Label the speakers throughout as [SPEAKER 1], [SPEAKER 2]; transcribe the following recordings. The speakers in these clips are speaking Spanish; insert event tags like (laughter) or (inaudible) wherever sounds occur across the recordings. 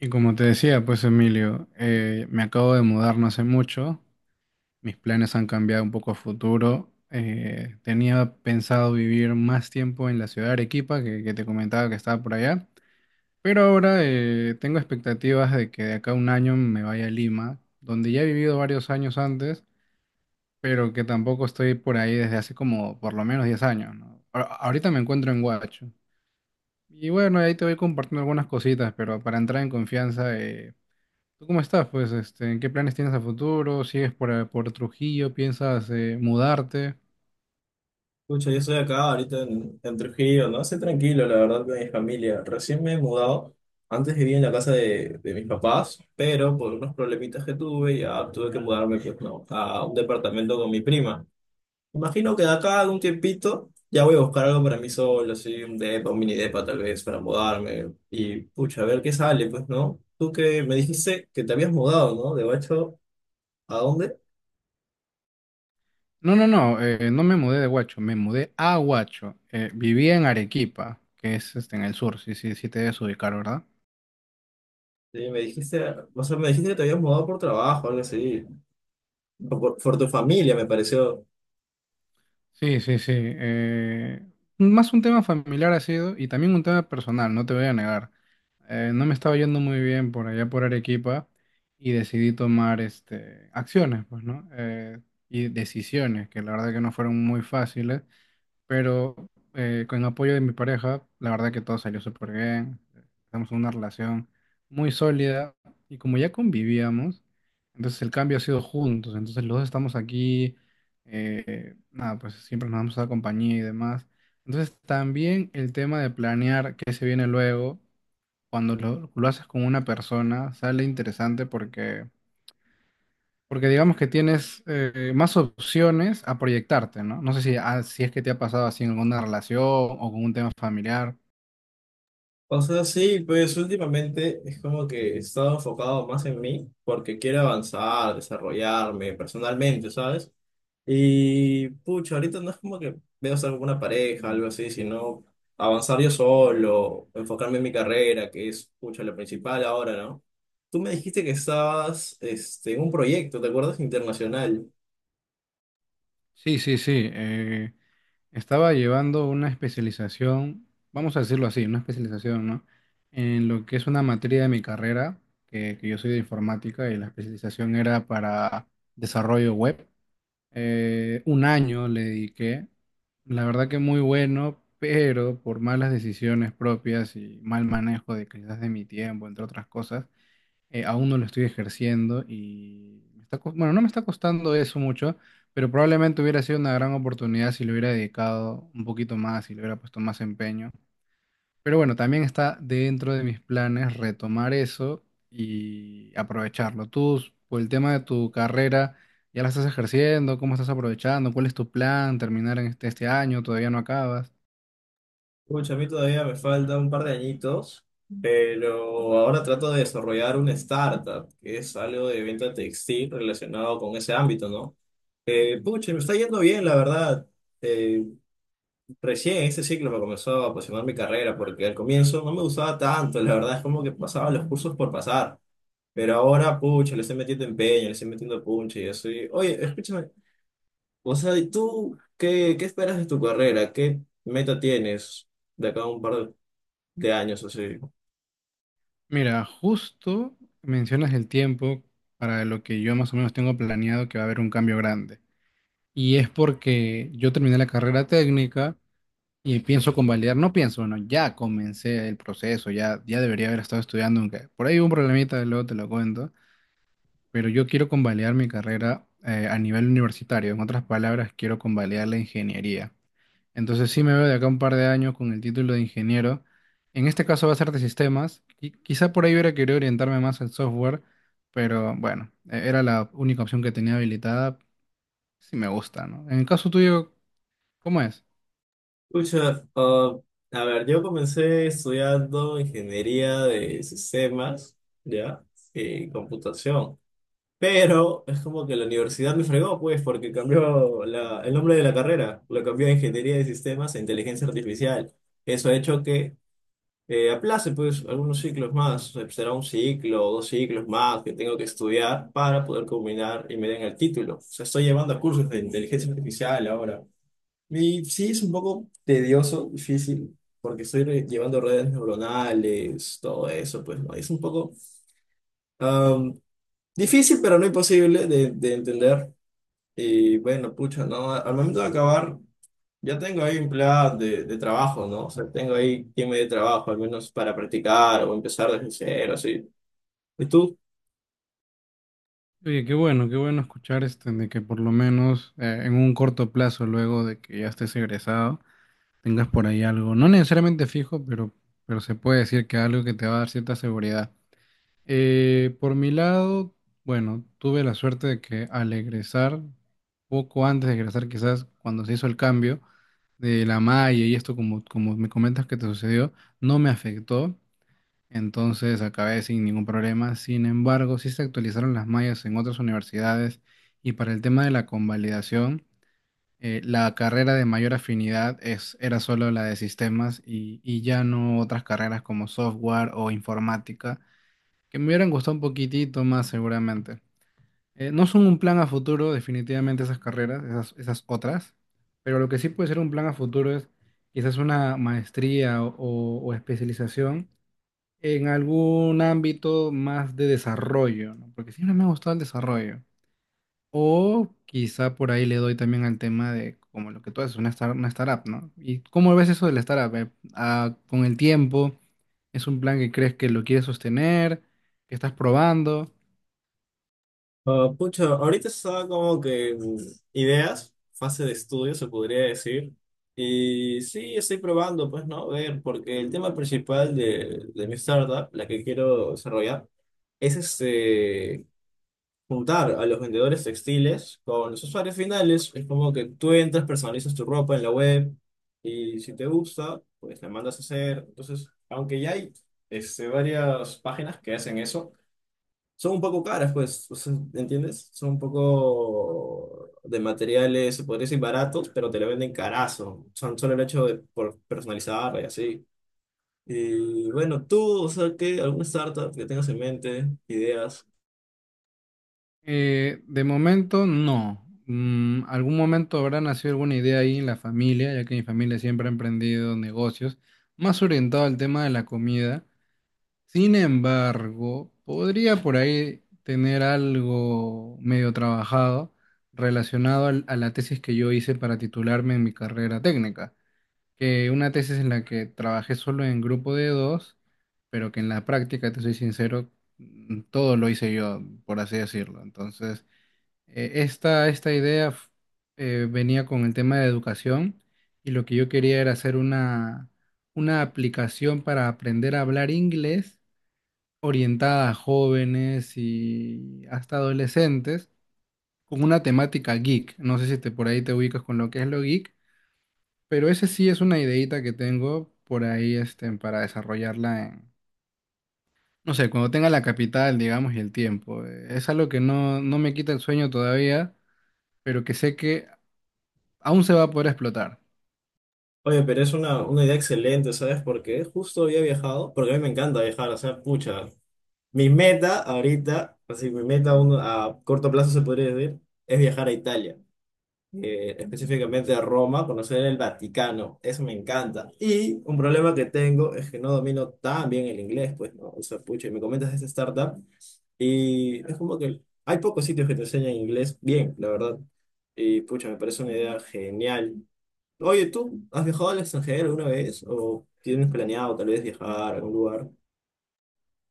[SPEAKER 1] Y como te decía, pues Emilio, me acabo de mudar no hace mucho, mis planes han cambiado un poco a futuro, tenía pensado vivir más tiempo en la ciudad de Arequipa, que te comentaba que estaba por allá, pero ahora tengo expectativas de que de acá a un año me vaya a Lima, donde ya he vivido varios años antes, pero que tampoco estoy por ahí desde hace como por lo menos 10 años, ¿no? Ahorita me encuentro en Huacho. Y bueno, ahí te voy compartiendo algunas cositas, pero para entrar en confianza. ¿Tú cómo estás? Pues, este, ¿en qué planes tienes a futuro? ¿Sigues por Trujillo? ¿Piensas mudarte?
[SPEAKER 2] Escucha, yo estoy acá ahorita en Trujillo, ¿no? Estoy tranquilo, la verdad, con mi familia. Recién me he mudado. Antes vivía en la casa de mis papás, pero por unos problemitas que tuve, ya tuve que mudarme, pues, no, a un departamento con mi prima. Imagino que de acá a un tiempito ya voy a buscar algo para mí solo, así, un depa, un mini depa tal vez, para mudarme. Y, pucha, a ver qué sale, pues, ¿no? Tú que me dijiste que te habías mudado, ¿no? De hecho, ¿a dónde?
[SPEAKER 1] No, no, no, no me mudé de Huacho, me mudé a Huacho. Vivía en Arequipa, que es este, en el sur, sí, sí, sí te debes ubicar, ¿verdad?
[SPEAKER 2] Sí, me dijiste, o sea, me dijiste que te habías mudado por trabajo, algo así. O por tu familia, me pareció.
[SPEAKER 1] Sí, sí, sí. Más un tema familiar ha sido y también un tema personal, no te voy a negar. No me estaba yendo muy bien por allá por Arequipa y decidí tomar este, acciones, pues, ¿no? Y decisiones que la verdad que no fueron muy fáciles. Pero con el apoyo de mi pareja, la verdad que todo salió súper bien. Estamos en una relación muy sólida y como ya convivíamos, entonces el cambio ha sido juntos. Entonces los dos estamos aquí, nada, pues siempre nos damos la compañía y demás. Entonces también el tema de planear qué se viene luego, cuando lo haces con una persona, sale interesante porque digamos que tienes más opciones a proyectarte, ¿no? No sé si, ah, si es que te ha pasado así en alguna relación o con un tema familiar.
[SPEAKER 2] O sea, sí, pues últimamente es como que he estado enfocado más en mí porque quiero avanzar, desarrollarme personalmente, ¿sabes? Y pucha, ahorita no es como que veo estar con una pareja, algo así, sino avanzar yo solo, enfocarme en mi carrera, que es, pucha, lo principal ahora, ¿no? Tú me dijiste que estabas este, en un proyecto, ¿te acuerdas? Internacional.
[SPEAKER 1] Sí, sí, sí. Estaba llevando una especialización, vamos a decirlo así, una especialización, ¿no? En lo que es una materia de mi carrera, que yo soy de informática y la especialización era para desarrollo web. Un año le dediqué, la verdad que muy bueno, pero por malas decisiones propias y mal manejo de quizás de mi tiempo, entre otras cosas, aún no lo estoy ejerciendo y me está bueno, no me está costando eso mucho, pero probablemente hubiera sido una gran oportunidad si le hubiera dedicado un poquito más, si le hubiera puesto más empeño. Pero bueno, también está dentro de mis planes retomar eso y aprovecharlo. Tú, por el tema de tu carrera, ¿ya la estás ejerciendo? ¿Cómo estás aprovechando? ¿Cuál es tu plan? ¿Terminar en este año? ¿Todavía no acabas?
[SPEAKER 2] Pucha, a mí todavía me falta un par de añitos, pero ahora trato de desarrollar una startup, que es algo de venta textil relacionado con ese ámbito, ¿no? Pucha, me está yendo bien, la verdad. Eh, Recién este ciclo me comenzó a apasionar mi carrera, porque al comienzo no me gustaba tanto, la verdad es como que pasaba los cursos por pasar, pero ahora, pucha, le estoy metiendo empeño, le estoy metiendo punche y eso. Oye, escúchame, o sea, ¿y tú qué, qué esperas de tu carrera? ¿Qué meta tienes de acá a un par de años así?
[SPEAKER 1] Mira, justo mencionas el tiempo para lo que yo más o menos tengo planeado que va a haber un cambio grande. Y es porque yo terminé la carrera técnica y pienso convalidar, no pienso, bueno, ya comencé el proceso, ya debería haber estado estudiando, aunque por ahí hubo un problemita, luego te lo cuento. Pero yo quiero convalidar mi carrera a nivel universitario. En otras palabras, quiero convalidar la ingeniería. Entonces sí me veo de acá un par de años con el título de ingeniero. En este caso va a ser de sistemas. Quizá por ahí hubiera querido orientarme más al software, pero bueno, era la única opción que tenía habilitada. Sí me gusta, ¿no? En el caso tuyo, ¿cómo es?
[SPEAKER 2] Pucha, ah, a ver, yo comencé estudiando ingeniería de sistemas, ¿ya? Y computación. Pero es como que la universidad me fregó, pues, porque cambió el nombre de la carrera. Lo cambió de ingeniería de sistemas a inteligencia artificial. Eso ha hecho que aplace, pues, algunos ciclos más. O sea, será un ciclo o dos ciclos más que tengo que estudiar para poder combinar y me den el título. O sea, estoy llevando cursos de inteligencia artificial ahora. Y sí, es un poco tedioso, difícil, porque estoy llevando redes neuronales, todo eso, pues, ¿no? Es un poco am, difícil, pero no imposible de entender. Y bueno, pucha, ¿no? Al momento de acabar, ya tengo ahí empleadas de trabajo, ¿no? O sea, tengo ahí quien me dé trabajo, al menos para practicar o empezar desde cero, así. ¿Y tú?
[SPEAKER 1] Oye, qué bueno escuchar este, de que por lo menos en un corto plazo, luego de que ya estés egresado, tengas por ahí algo, no necesariamente fijo, pero se puede decir que algo que te va a dar cierta seguridad. Por mi lado, bueno, tuve la suerte de que al egresar, poco antes de egresar quizás, cuando se hizo el cambio de la malla y esto como, como me comentas que te sucedió, no me afectó, entonces acabé sin ningún problema. Sin embargo, sí se actualizaron las mallas en otras universidades y para el tema de la convalidación la carrera de mayor afinidad era solo la de sistemas y ya no otras carreras como software o informática, que me hubieran gustado un poquitito más seguramente. No son un plan a futuro, definitivamente esas carreras, esas otras, pero lo que sí puede ser un plan a futuro es quizás una maestría o, o especialización en algún ámbito más de desarrollo, ¿no? Porque siempre me ha gustado el desarrollo. O quizá por ahí le doy también al tema de como lo que tú haces, una startup, ¿no? ¿Y cómo ves eso de la startup? Ah, con el tiempo, ¿es un plan que crees que lo quieres sostener, que estás probando?
[SPEAKER 2] Ah, pucha, ahorita estaba como que en ideas, fase de estudio se podría decir. Y sí, estoy probando, pues no, ver, porque el tema principal de mi startup, la que quiero desarrollar, es este, juntar a los vendedores textiles con los usuarios finales. Es como que tú entras, personalizas tu ropa en la web y si te gusta, pues la mandas a hacer. Entonces, aunque ya hay este, varias páginas que hacen eso son un poco caras, pues, o sea, ¿entiendes? Son un poco de materiales, se podría decir baratos, pero te lo venden carazo. Son solo el hecho de por personalizar y así. Y bueno, tú, o sea, ¿qué? ¿Alguna startup que tengas en mente? ¿Ideas?
[SPEAKER 1] De momento, no. Algún momento habrá nacido alguna idea ahí en la familia, ya que mi familia siempre ha emprendido negocios, más orientado al tema de la comida. Sin embargo, podría por ahí tener algo medio trabajado relacionado a la tesis que yo hice para titularme en mi carrera técnica, que una tesis en la que trabajé solo en grupo de dos, pero que en la práctica, te soy sincero, todo lo hice yo, por así decirlo. Entonces, esta idea venía con el tema de educación y lo que yo quería era hacer una aplicación para aprender a hablar inglés orientada a jóvenes y hasta adolescentes con una temática geek. No sé si te, por ahí te ubicas con lo que es lo geek, pero ese sí es una ideita que tengo por ahí este, para desarrollarla en, no sé, cuando tenga la capital, digamos, y el tiempo. Es algo que no, no me quita el sueño todavía, pero que sé que aún se va a poder explotar.
[SPEAKER 2] Oye, pero es una idea excelente, ¿sabes? Porque justo había viajado, porque a mí me encanta viajar, o sea, pucha. Mi meta ahorita, así, mi meta a corto plazo se podría decir, es viajar a Italia. Específicamente a Roma, conocer el Vaticano, eso me encanta. Y un problema que tengo es que no domino tan bien el inglés, pues, ¿no? O sea, pucha, y me comentas de esta startup y es como que hay pocos sitios que te enseñan inglés bien, la verdad. Y pucha, me parece una idea genial. Oye, ¿tú has viajado al extranjero alguna vez? ¿O tienes planeado tal vez viajar a algún lugar?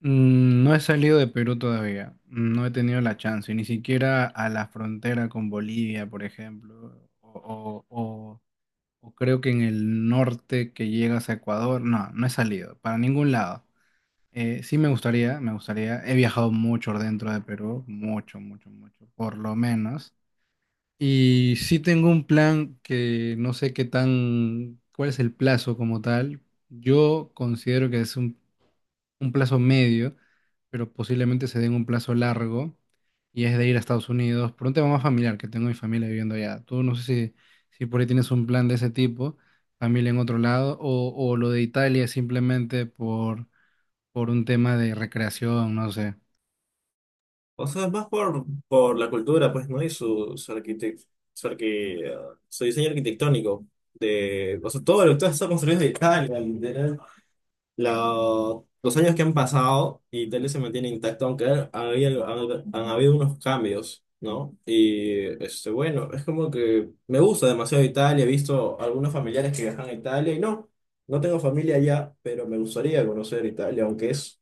[SPEAKER 1] No he salido de Perú todavía, no he tenido la chance, ni siquiera a la frontera con Bolivia, por ejemplo, o, o creo que en el norte que llegas a Ecuador, no, no he salido para ningún lado. Sí me gustaría, me gustaría. He viajado mucho dentro de Perú, mucho, mucho, mucho, por lo menos. Y sí tengo un plan que no sé qué tan, cuál es el plazo como tal. Yo considero que es un plazo medio, pero posiblemente se den un plazo largo y es de ir a Estados Unidos por un tema más familiar, que tengo mi familia viviendo allá. Tú no sé si por ahí tienes un plan de ese tipo, familia en otro lado, o, lo de Italia es simplemente por un tema de recreación, no sé.
[SPEAKER 2] O sea, es más por la cultura, pues, ¿no? Y su, su diseño arquitectónico. De, o sea, todo lo que está construido en Italia, literal. Los años que han pasado, Italia se mantiene intacto, aunque han habido unos cambios, ¿no? Y, este, bueno, es como que me gusta demasiado Italia. He visto algunos familiares que viajan a Italia y no, no tengo familia allá, pero me gustaría conocer Italia, aunque es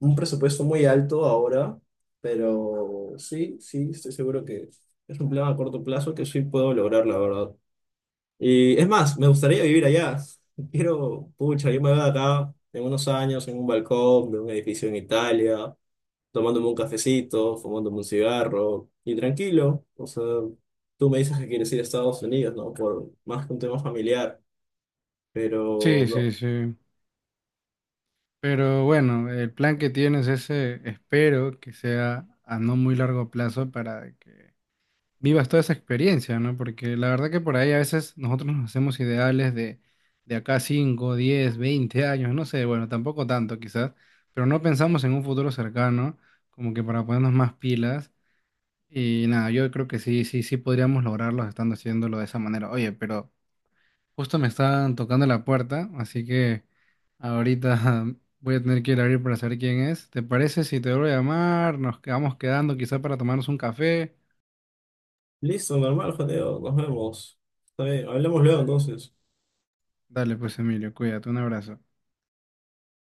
[SPEAKER 2] un presupuesto muy alto ahora, pero sí, sí, estoy seguro que es un plan a corto plazo que sí puedo lograr, la verdad. Y es más, me gustaría vivir allá. Quiero, pucha, yo me veo acá en unos años en un balcón de un edificio en Italia, tomándome un cafecito, fumándome un cigarro y tranquilo. O sea, tú me dices que quieres ir a Estados Unidos, ¿no? Por más que un tema familiar, pero
[SPEAKER 1] Sí,
[SPEAKER 2] no.
[SPEAKER 1] sí, sí. Pero bueno, el plan que tienes ese, espero que sea a no muy largo plazo para que vivas toda esa experiencia, ¿no? Porque la verdad que por ahí a veces nosotros nos hacemos ideales de acá 5 10 20 años, no sé, bueno, tampoco tanto quizás, pero no pensamos en un futuro cercano, como que para ponernos más pilas. Y nada, yo creo que sí, sí, sí podríamos lograrlo estando haciéndolo de esa manera. Oye, pero justo me están tocando la puerta, así que ahorita (laughs) voy a tener que ir a abrir para saber quién es. ¿Te parece si te vuelvo a llamar? Nos quedamos quedando quizás para tomarnos un café.
[SPEAKER 2] Listo, normal, Jadeo, nos vemos. Está bien, hablamos luego entonces.
[SPEAKER 1] Dale, pues Emilio, cuídate, un abrazo.